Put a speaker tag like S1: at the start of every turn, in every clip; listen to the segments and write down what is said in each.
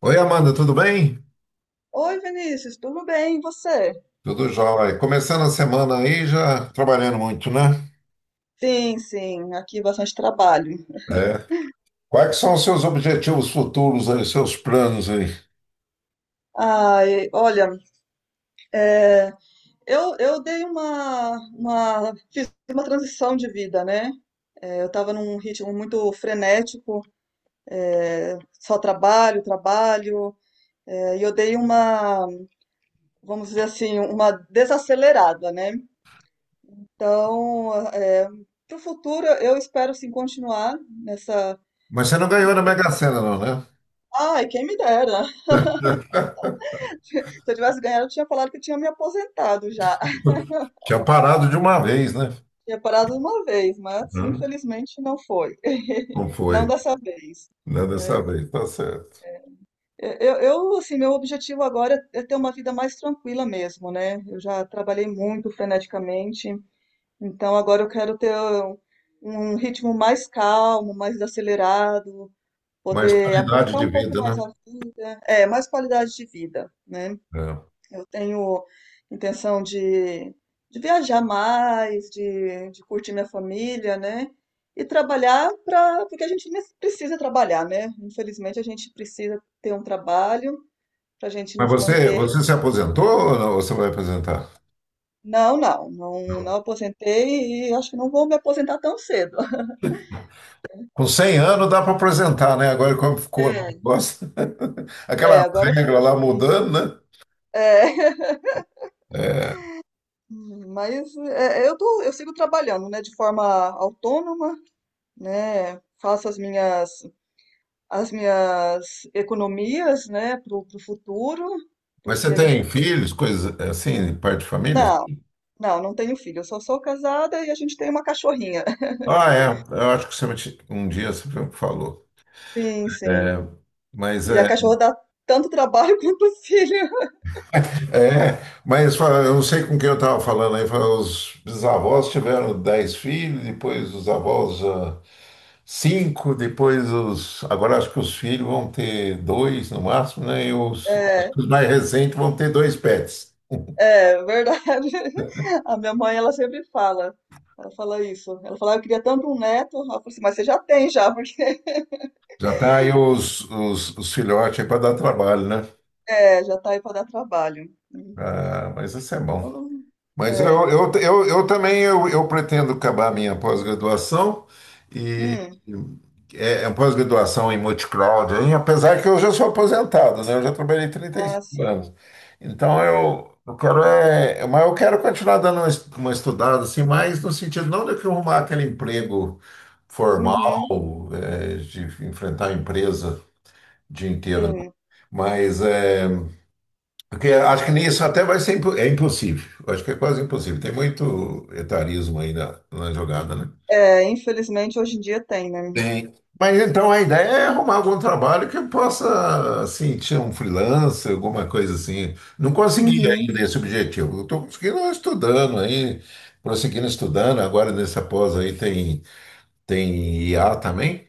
S1: Oi, Amanda, tudo bem?
S2: Oi, Vinícius, tudo bem? E você?
S1: Tudo jóia. Começando a semana aí, já trabalhando muito, né?
S2: Sim, sim, aqui bastante trabalho.
S1: É. Quais que são os seus objetivos futuros aí, seus planos aí?
S2: Ai, olha, eu dei fiz uma transição de vida, né? É, eu estava num ritmo muito frenético, só trabalho, trabalho, e eu dei uma, vamos dizer assim, uma desacelerada, né? Então, é, para o futuro, eu espero sim continuar nessa,
S1: Mas você não ganhou na
S2: nessa...
S1: Mega Sena, não, né?
S2: Ai, quem me dera! Se eu tivesse ganhado, eu tinha falado que eu tinha me aposentado já.
S1: Tinha parado de uma vez, né?
S2: Tinha parado uma vez, mas
S1: Hum.
S2: infelizmente não foi.
S1: Não
S2: Não
S1: foi,
S2: dessa vez.
S1: né? Dessa
S2: Né?
S1: vez, tá certo.
S2: Assim, meu objetivo agora é ter uma vida mais tranquila mesmo, né? Eu já trabalhei muito freneticamente, então agora eu quero ter um ritmo mais calmo, mais acelerado,
S1: Mas
S2: poder
S1: qualidade
S2: aproveitar
S1: de
S2: um pouco
S1: vida,
S2: mais
S1: né?
S2: a vida, é, mais qualidade de vida, né?
S1: É.
S2: Eu tenho intenção de viajar mais, de curtir minha família, né? E trabalhar para, porque a gente precisa trabalhar, né? Infelizmente a gente precisa ter um trabalho para a gente
S1: Mas
S2: nos
S1: você,
S2: manter.
S1: você se aposentou ou não? Ou você vai aposentar?
S2: Não, não, não,
S1: Não.
S2: não aposentei e acho que não vou me aposentar tão cedo.
S1: Com 100 anos dá para aposentar, né? Agora como ficou o
S2: É.
S1: negócio, aquela
S2: É, agora
S1: regra
S2: fica
S1: lá
S2: difícil.
S1: mudando,
S2: É,
S1: né?
S2: mas é, eu tô, eu sigo trabalhando, né, de forma autônoma, né? Faço as minhas economias, né, pro futuro,
S1: Mas você
S2: porque a gente.
S1: tem filhos, coisas assim, de parte de família?
S2: Não, não, não tenho filho. Eu só sou casada e a gente tem uma cachorrinha.
S1: Ah, é. Eu acho que um dia você falou.
S2: Sim,
S1: É,
S2: sim.
S1: mas
S2: E a
S1: é,
S2: cachorra dá tanto trabalho quanto o filho.
S1: é, mas fala, eu não sei com quem eu estava falando aí. Fala, os bisavós tiveram 10 filhos, depois os avós cinco, depois os. Agora acho que os filhos vão ter dois no máximo, né? E os,
S2: É,
S1: os mais recentes vão ter dois pets.
S2: é verdade. A minha mãe, ela sempre fala. Ela fala isso. Ela fala, eu queria tanto um neto. Ela falou assim, mas você já tem já, porque
S1: Já tá aí os filhotes aí para dar trabalho, né?
S2: é, já tá aí para dar trabalho.
S1: Ah, mas isso é
S2: Eu
S1: bom.
S2: não-
S1: Mas eu,
S2: É.
S1: eu, eu, eu também eu pretendo acabar a minha pós-graduação e
S2: Hum.
S1: é pós-graduação em multicloud, hein? Apesar que eu já sou aposentado, né? Eu já trabalhei trinta e
S2: Ah,
S1: cinco
S2: sim.
S1: anos. Então eu quero é, mas eu quero continuar dando uma estudada assim, mais no sentido não de que eu arrumar aquele emprego
S2: Uhum.
S1: formal, é, de enfrentar a empresa o dia inteiro, né?
S2: Sim.
S1: Mas é porque acho que nisso até vai é impossível. Acho que é quase impossível. Tem muito etarismo aí na jogada, né?
S2: É, infelizmente hoje em dia tem, né?
S1: Tem. Mas então a ideia é arrumar algum trabalho que eu possa, assim, tirar um freelancer, alguma coisa assim. Não consegui
S2: Uhum,
S1: ainda esse objetivo. Eu estou conseguindo estudando aí, prosseguindo estudando. Agora nessa pós aí tem IA também.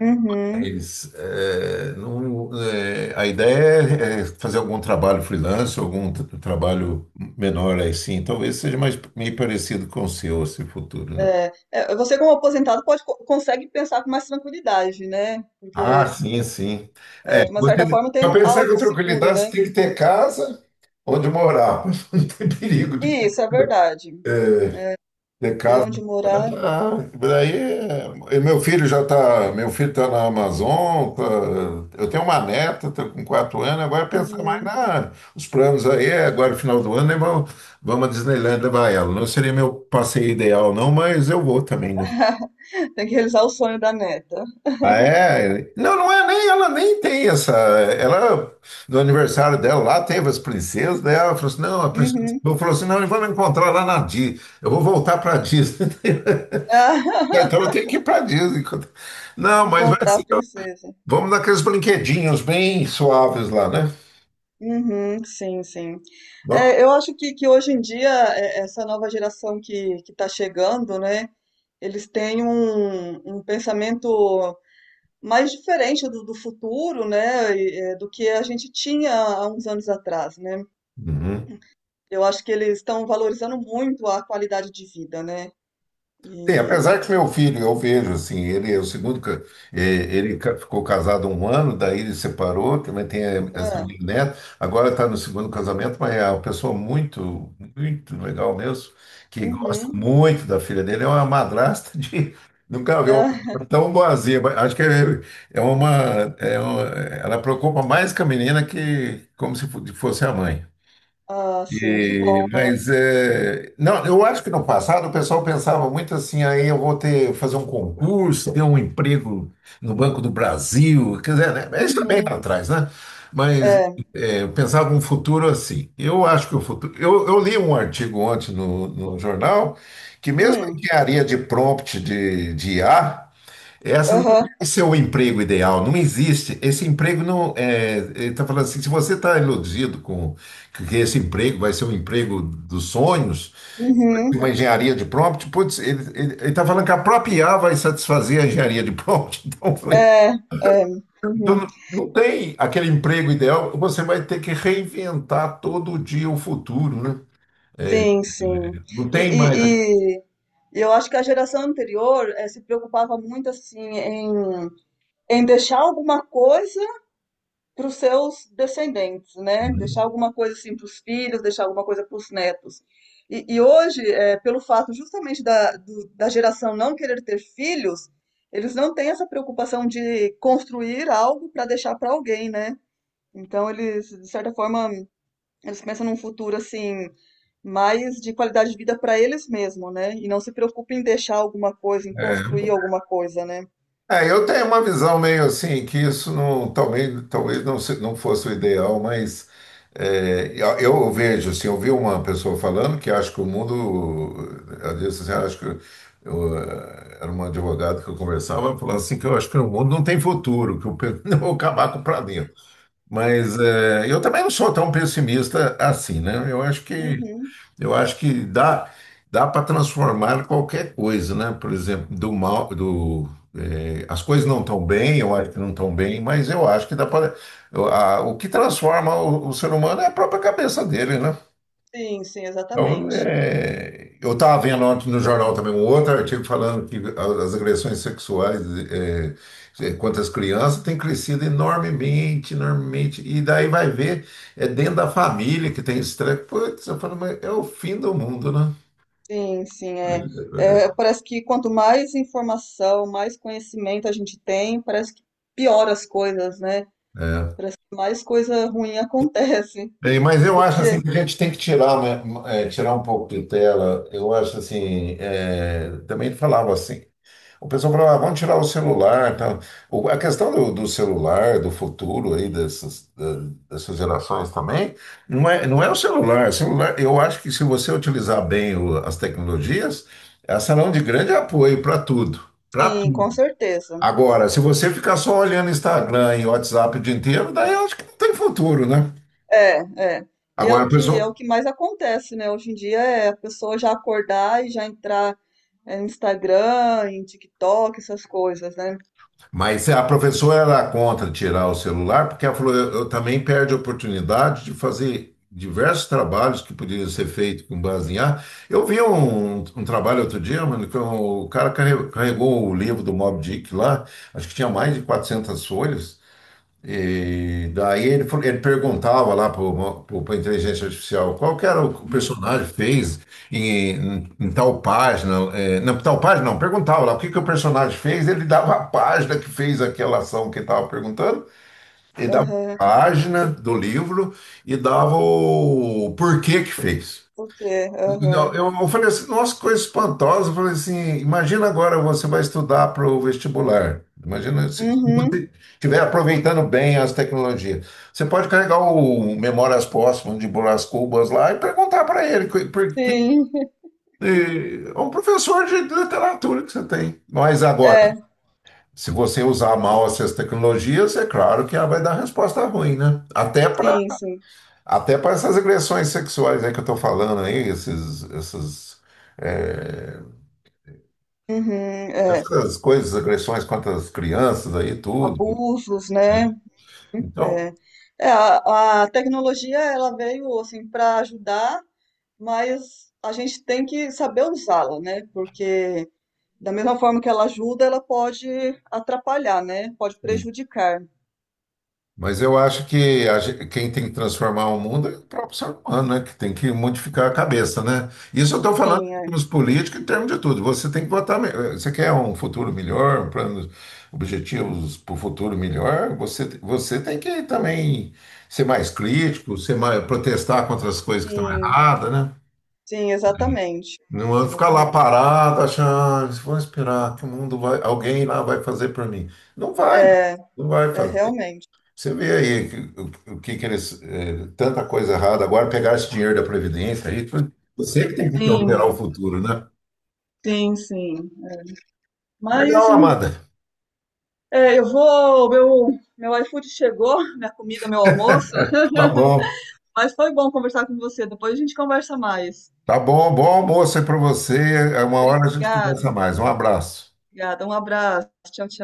S2: uhum.
S1: Mas, é, não, é, a ideia é fazer algum trabalho freelance, trabalho menor aí sim. Talvez seja mais meio parecido com o seu, esse futuro, né?
S2: É, é, você como aposentado pode consegue pensar com mais tranquilidade, né?
S1: Ah,
S2: Porque
S1: sim, sim.
S2: é, de uma certa
S1: Você,
S2: forma tem
S1: para pensar com
S2: algo seguro,
S1: tranquilidade, você
S2: né?
S1: tem que ter casa onde morar, para não ter perigo
S2: E isso é verdade.
S1: de
S2: Ter
S1: casa.
S2: onde morar,
S1: Ah, daí, é, e meu filho tá na Amazon, tá- eu tenho uma neta, tá com 4 anos, agora pensar mais
S2: uhum.
S1: os planos aí, é agora final do ano, né, vamos à Disneyland levar ela. Não seria meu passeio ideal não, mas eu vou também, né?
S2: Tem que realizar o sonho da neta.
S1: Ah, é? Não, não é nem, ela nem tem essa, no aniversário dela lá, teve as princesas, daí ela falou assim, não, a princesa,
S2: Uhum.
S1: eu falou assim, não, nós vamos encontrar lá na Disney, eu vou voltar para Disney. Então eu tenho que ir para Disney. Não, mas vai
S2: Encontrar
S1: ser-
S2: a princesa.
S1: vamos naqueles brinquedinhos bem suaves lá, né?
S2: Uhum, sim, sim.
S1: Vamos.
S2: É, eu acho que hoje em dia, é, essa nova geração que está chegando, né? Eles têm um pensamento mais diferente do futuro, né, do que a gente tinha há uns anos atrás, né?
S1: Uhum.
S2: Eu acho que eles estão valorizando muito a qualidade de vida, né?
S1: Tem, apesar
S2: E
S1: que meu filho, eu vejo assim, ele é o segundo, ficou casado um ano, daí ele separou, também tem essa
S2: é,
S1: minha neta, agora está no segundo casamento, mas é uma pessoa muito, muito legal mesmo, que gosta
S2: uhum,
S1: muito da filha dele, é uma madrasta de... Nunca vi
S2: é,
S1: uma madrasta tão boazinha, mas acho que é uma, é uma. Ela preocupa mais com a menina que como se fo- fosse a mãe.
S2: ah, sim, que bom, né?
S1: Mas é, não, eu acho que no passado o pessoal pensava muito assim, aí eu vou ter fazer um concurso, ter um emprego no Banco do Brasil, quer dizer, né? Mas isso também lá
S2: Uhum,
S1: atrás, né? Mas
S2: é,
S1: é, eu pensava um futuro assim. Eu acho que o futuro. Eu li um artigo ontem no jornal que mesmo a
S2: hum,
S1: engenharia de prompt de I a essa não
S2: aham,
S1: é seu emprego ideal, não existe. Esse emprego não é. Ele está falando assim: se você está iludido com que esse emprego vai ser um emprego dos sonhos,
S2: uhum,
S1: uma engenharia de prompt, putz, ele está falando que a própria IA vai satisfazer a engenharia de prompt. Então, eu falei,
S2: é, é,
S1: então
S2: uhum,
S1: não tem aquele emprego ideal, você vai ter que reinventar todo dia o futuro, né?
S2: sim, sim.
S1: Não
S2: E,
S1: tem mais.
S2: e, e e eu acho que a geração anterior se preocupava muito assim em deixar alguma coisa para os seus descendentes, né? Deixar alguma coisa assim para os filhos, deixar alguma coisa para os netos. E hoje, é, pelo fato justamente da geração não querer ter filhos, eles não têm essa preocupação de construir algo para deixar para alguém, né? Então eles, de certa forma, eles pensam num futuro assim mais de qualidade de vida para eles mesmos, né? E não se preocupem em deixar alguma coisa, em construir alguma coisa, né?
S1: É, eu tenho uma visão meio assim, que isso não, talvez, talvez não, não fosse o ideal, mas é, eu vejo, assim, eu vi uma pessoa falando que acho que o mundo, ela disse assim, "Ah, acho que era uma advogada que eu conversava, falando assim, que eu acho que o mundo não tem futuro, eu vou acabar com o planeta. Mas eu também não sou tão pessimista assim, né? Eu acho que
S2: Uhum.
S1: eu acho que dá para transformar qualquer coisa, né? Por exemplo, do mal, as coisas não estão bem, eu acho que não estão bem, mas eu acho que dá para. O que transforma o ser humano é a própria cabeça dele, né?
S2: Sim, sim,
S1: Então,
S2: exatamente.
S1: eu estava vendo ontem no jornal também um outro artigo falando que as agressões sexuais eh, contra as crianças têm crescido enormemente, enormemente, e daí vai ver, é dentro da família que tem esse treco. Putz, eu falo, mas é o fim do mundo, né?
S2: Sim, sim, é. É, parece que quanto mais informação, mais conhecimento a gente tem, parece que piora as coisas, né?
S1: É.
S2: Mais coisa ruim acontece.
S1: Bem, mas eu acho assim
S2: Porque,
S1: que a gente tem que tirar, né, é, tirar um pouco de tela. Eu acho assim, é, também falava assim. O pessoal falava, ah, vamos tirar o celular, tá? A questão do celular, do futuro aí dessas, dessas gerações também, não é, não é o celular. O celular, eu acho que se você utilizar bem as tecnologias, elas serão de grande apoio para tudo, para
S2: sim, com
S1: tudo.
S2: certeza.
S1: Agora, se você ficar só olhando Instagram e WhatsApp o dia inteiro, daí eu acho que não tem futuro, né?
S2: É, é. E
S1: Agora,
S2: é o que mais acontece, né? Hoje em dia é a pessoa já acordar e já entrar é, no Instagram, em TikTok, essas coisas, né?
S1: mas a professora era contra tirar o celular, porque ela falou, eu também perde a oportunidade de fazer diversos trabalhos que poderiam ser feitos com base em ar. Eu vi um trabalho outro dia, mano, que o cara carregou o livro do Moby Dick lá, acho que tinha mais de 400 folhas. E daí ele perguntava lá para a inteligência artificial qual que era o que o
S2: Hum,
S1: personagem fez em tal página. Não, tal página não, perguntava lá o que, que o personagem fez, ele dava a página que fez aquela ação que ele estava perguntando, ele dava a
S2: aham,
S1: página do livro e dava o porquê que fez.
S2: por quê?
S1: Não,
S2: Aham.
S1: eu falei assim, nossa, coisa espantosa. Eu falei assim, imagina agora você vai estudar para o vestibular. Imagina se
S2: Uhum,
S1: você estiver aproveitando bem as tecnologias. Você pode carregar o Memórias Póstumas de Brás Cubas lá e perguntar para ele, porque
S2: sim,
S1: é um professor de literatura que você tem. Mas agora,
S2: é,
S1: se você usar mal essas tecnologias, é claro que ela vai dar resposta ruim, né? Até para
S2: sim, sim.
S1: até para essas agressões sexuais aí que eu estou falando aí, é,
S2: Uhum, é.
S1: essas coisas, agressões contra as crianças aí, tudo.
S2: Abusos, né?
S1: Né? Então,
S2: É, é, a tecnologia ela veio assim para ajudar, mas a gente tem que saber usá-la, né? Porque da mesma forma que ela ajuda, ela pode atrapalhar, né? Pode prejudicar.
S1: mas eu acho que quem tem que transformar o mundo é o próprio ser humano, né? Que tem que modificar a cabeça, né? Isso eu estou falando
S2: Sim,
S1: em
S2: é.
S1: termos políticos, em termos de tudo. Você tem que votar. Você quer um futuro melhor, um plano, objetivos para o futuro melhor? Você tem que também ser mais crítico, ser mais, protestar contra as coisas que estão
S2: Sim,
S1: erradas, né?
S2: sim, exatamente,
S1: Não é ficar lá
S2: exatamente.
S1: parado, achando, "Ah, vou esperar que o mundo vai, alguém lá vai fazer por mim. Não vai, não,
S2: É,
S1: não vai
S2: é
S1: fazer.
S2: realmente.
S1: Você vê aí o que que eles, tanta coisa errada. Agora pegar esse dinheiro da Previdência aí, você que tem que alterar
S2: Sim,
S1: o futuro, né?
S2: sim, sim. Mas
S1: Legal, Amanda.
S2: é, eu vou, meu iFood chegou, minha comida, meu almoço.
S1: Tá bom.
S2: Mas foi bom conversar com você. Depois a gente conversa mais.
S1: Tá bom, bom almoço aí para você. É. Uma hora a gente
S2: Obrigada,
S1: conversa mais. Um abraço.
S2: obrigada. Um abraço. Tchau, tchau.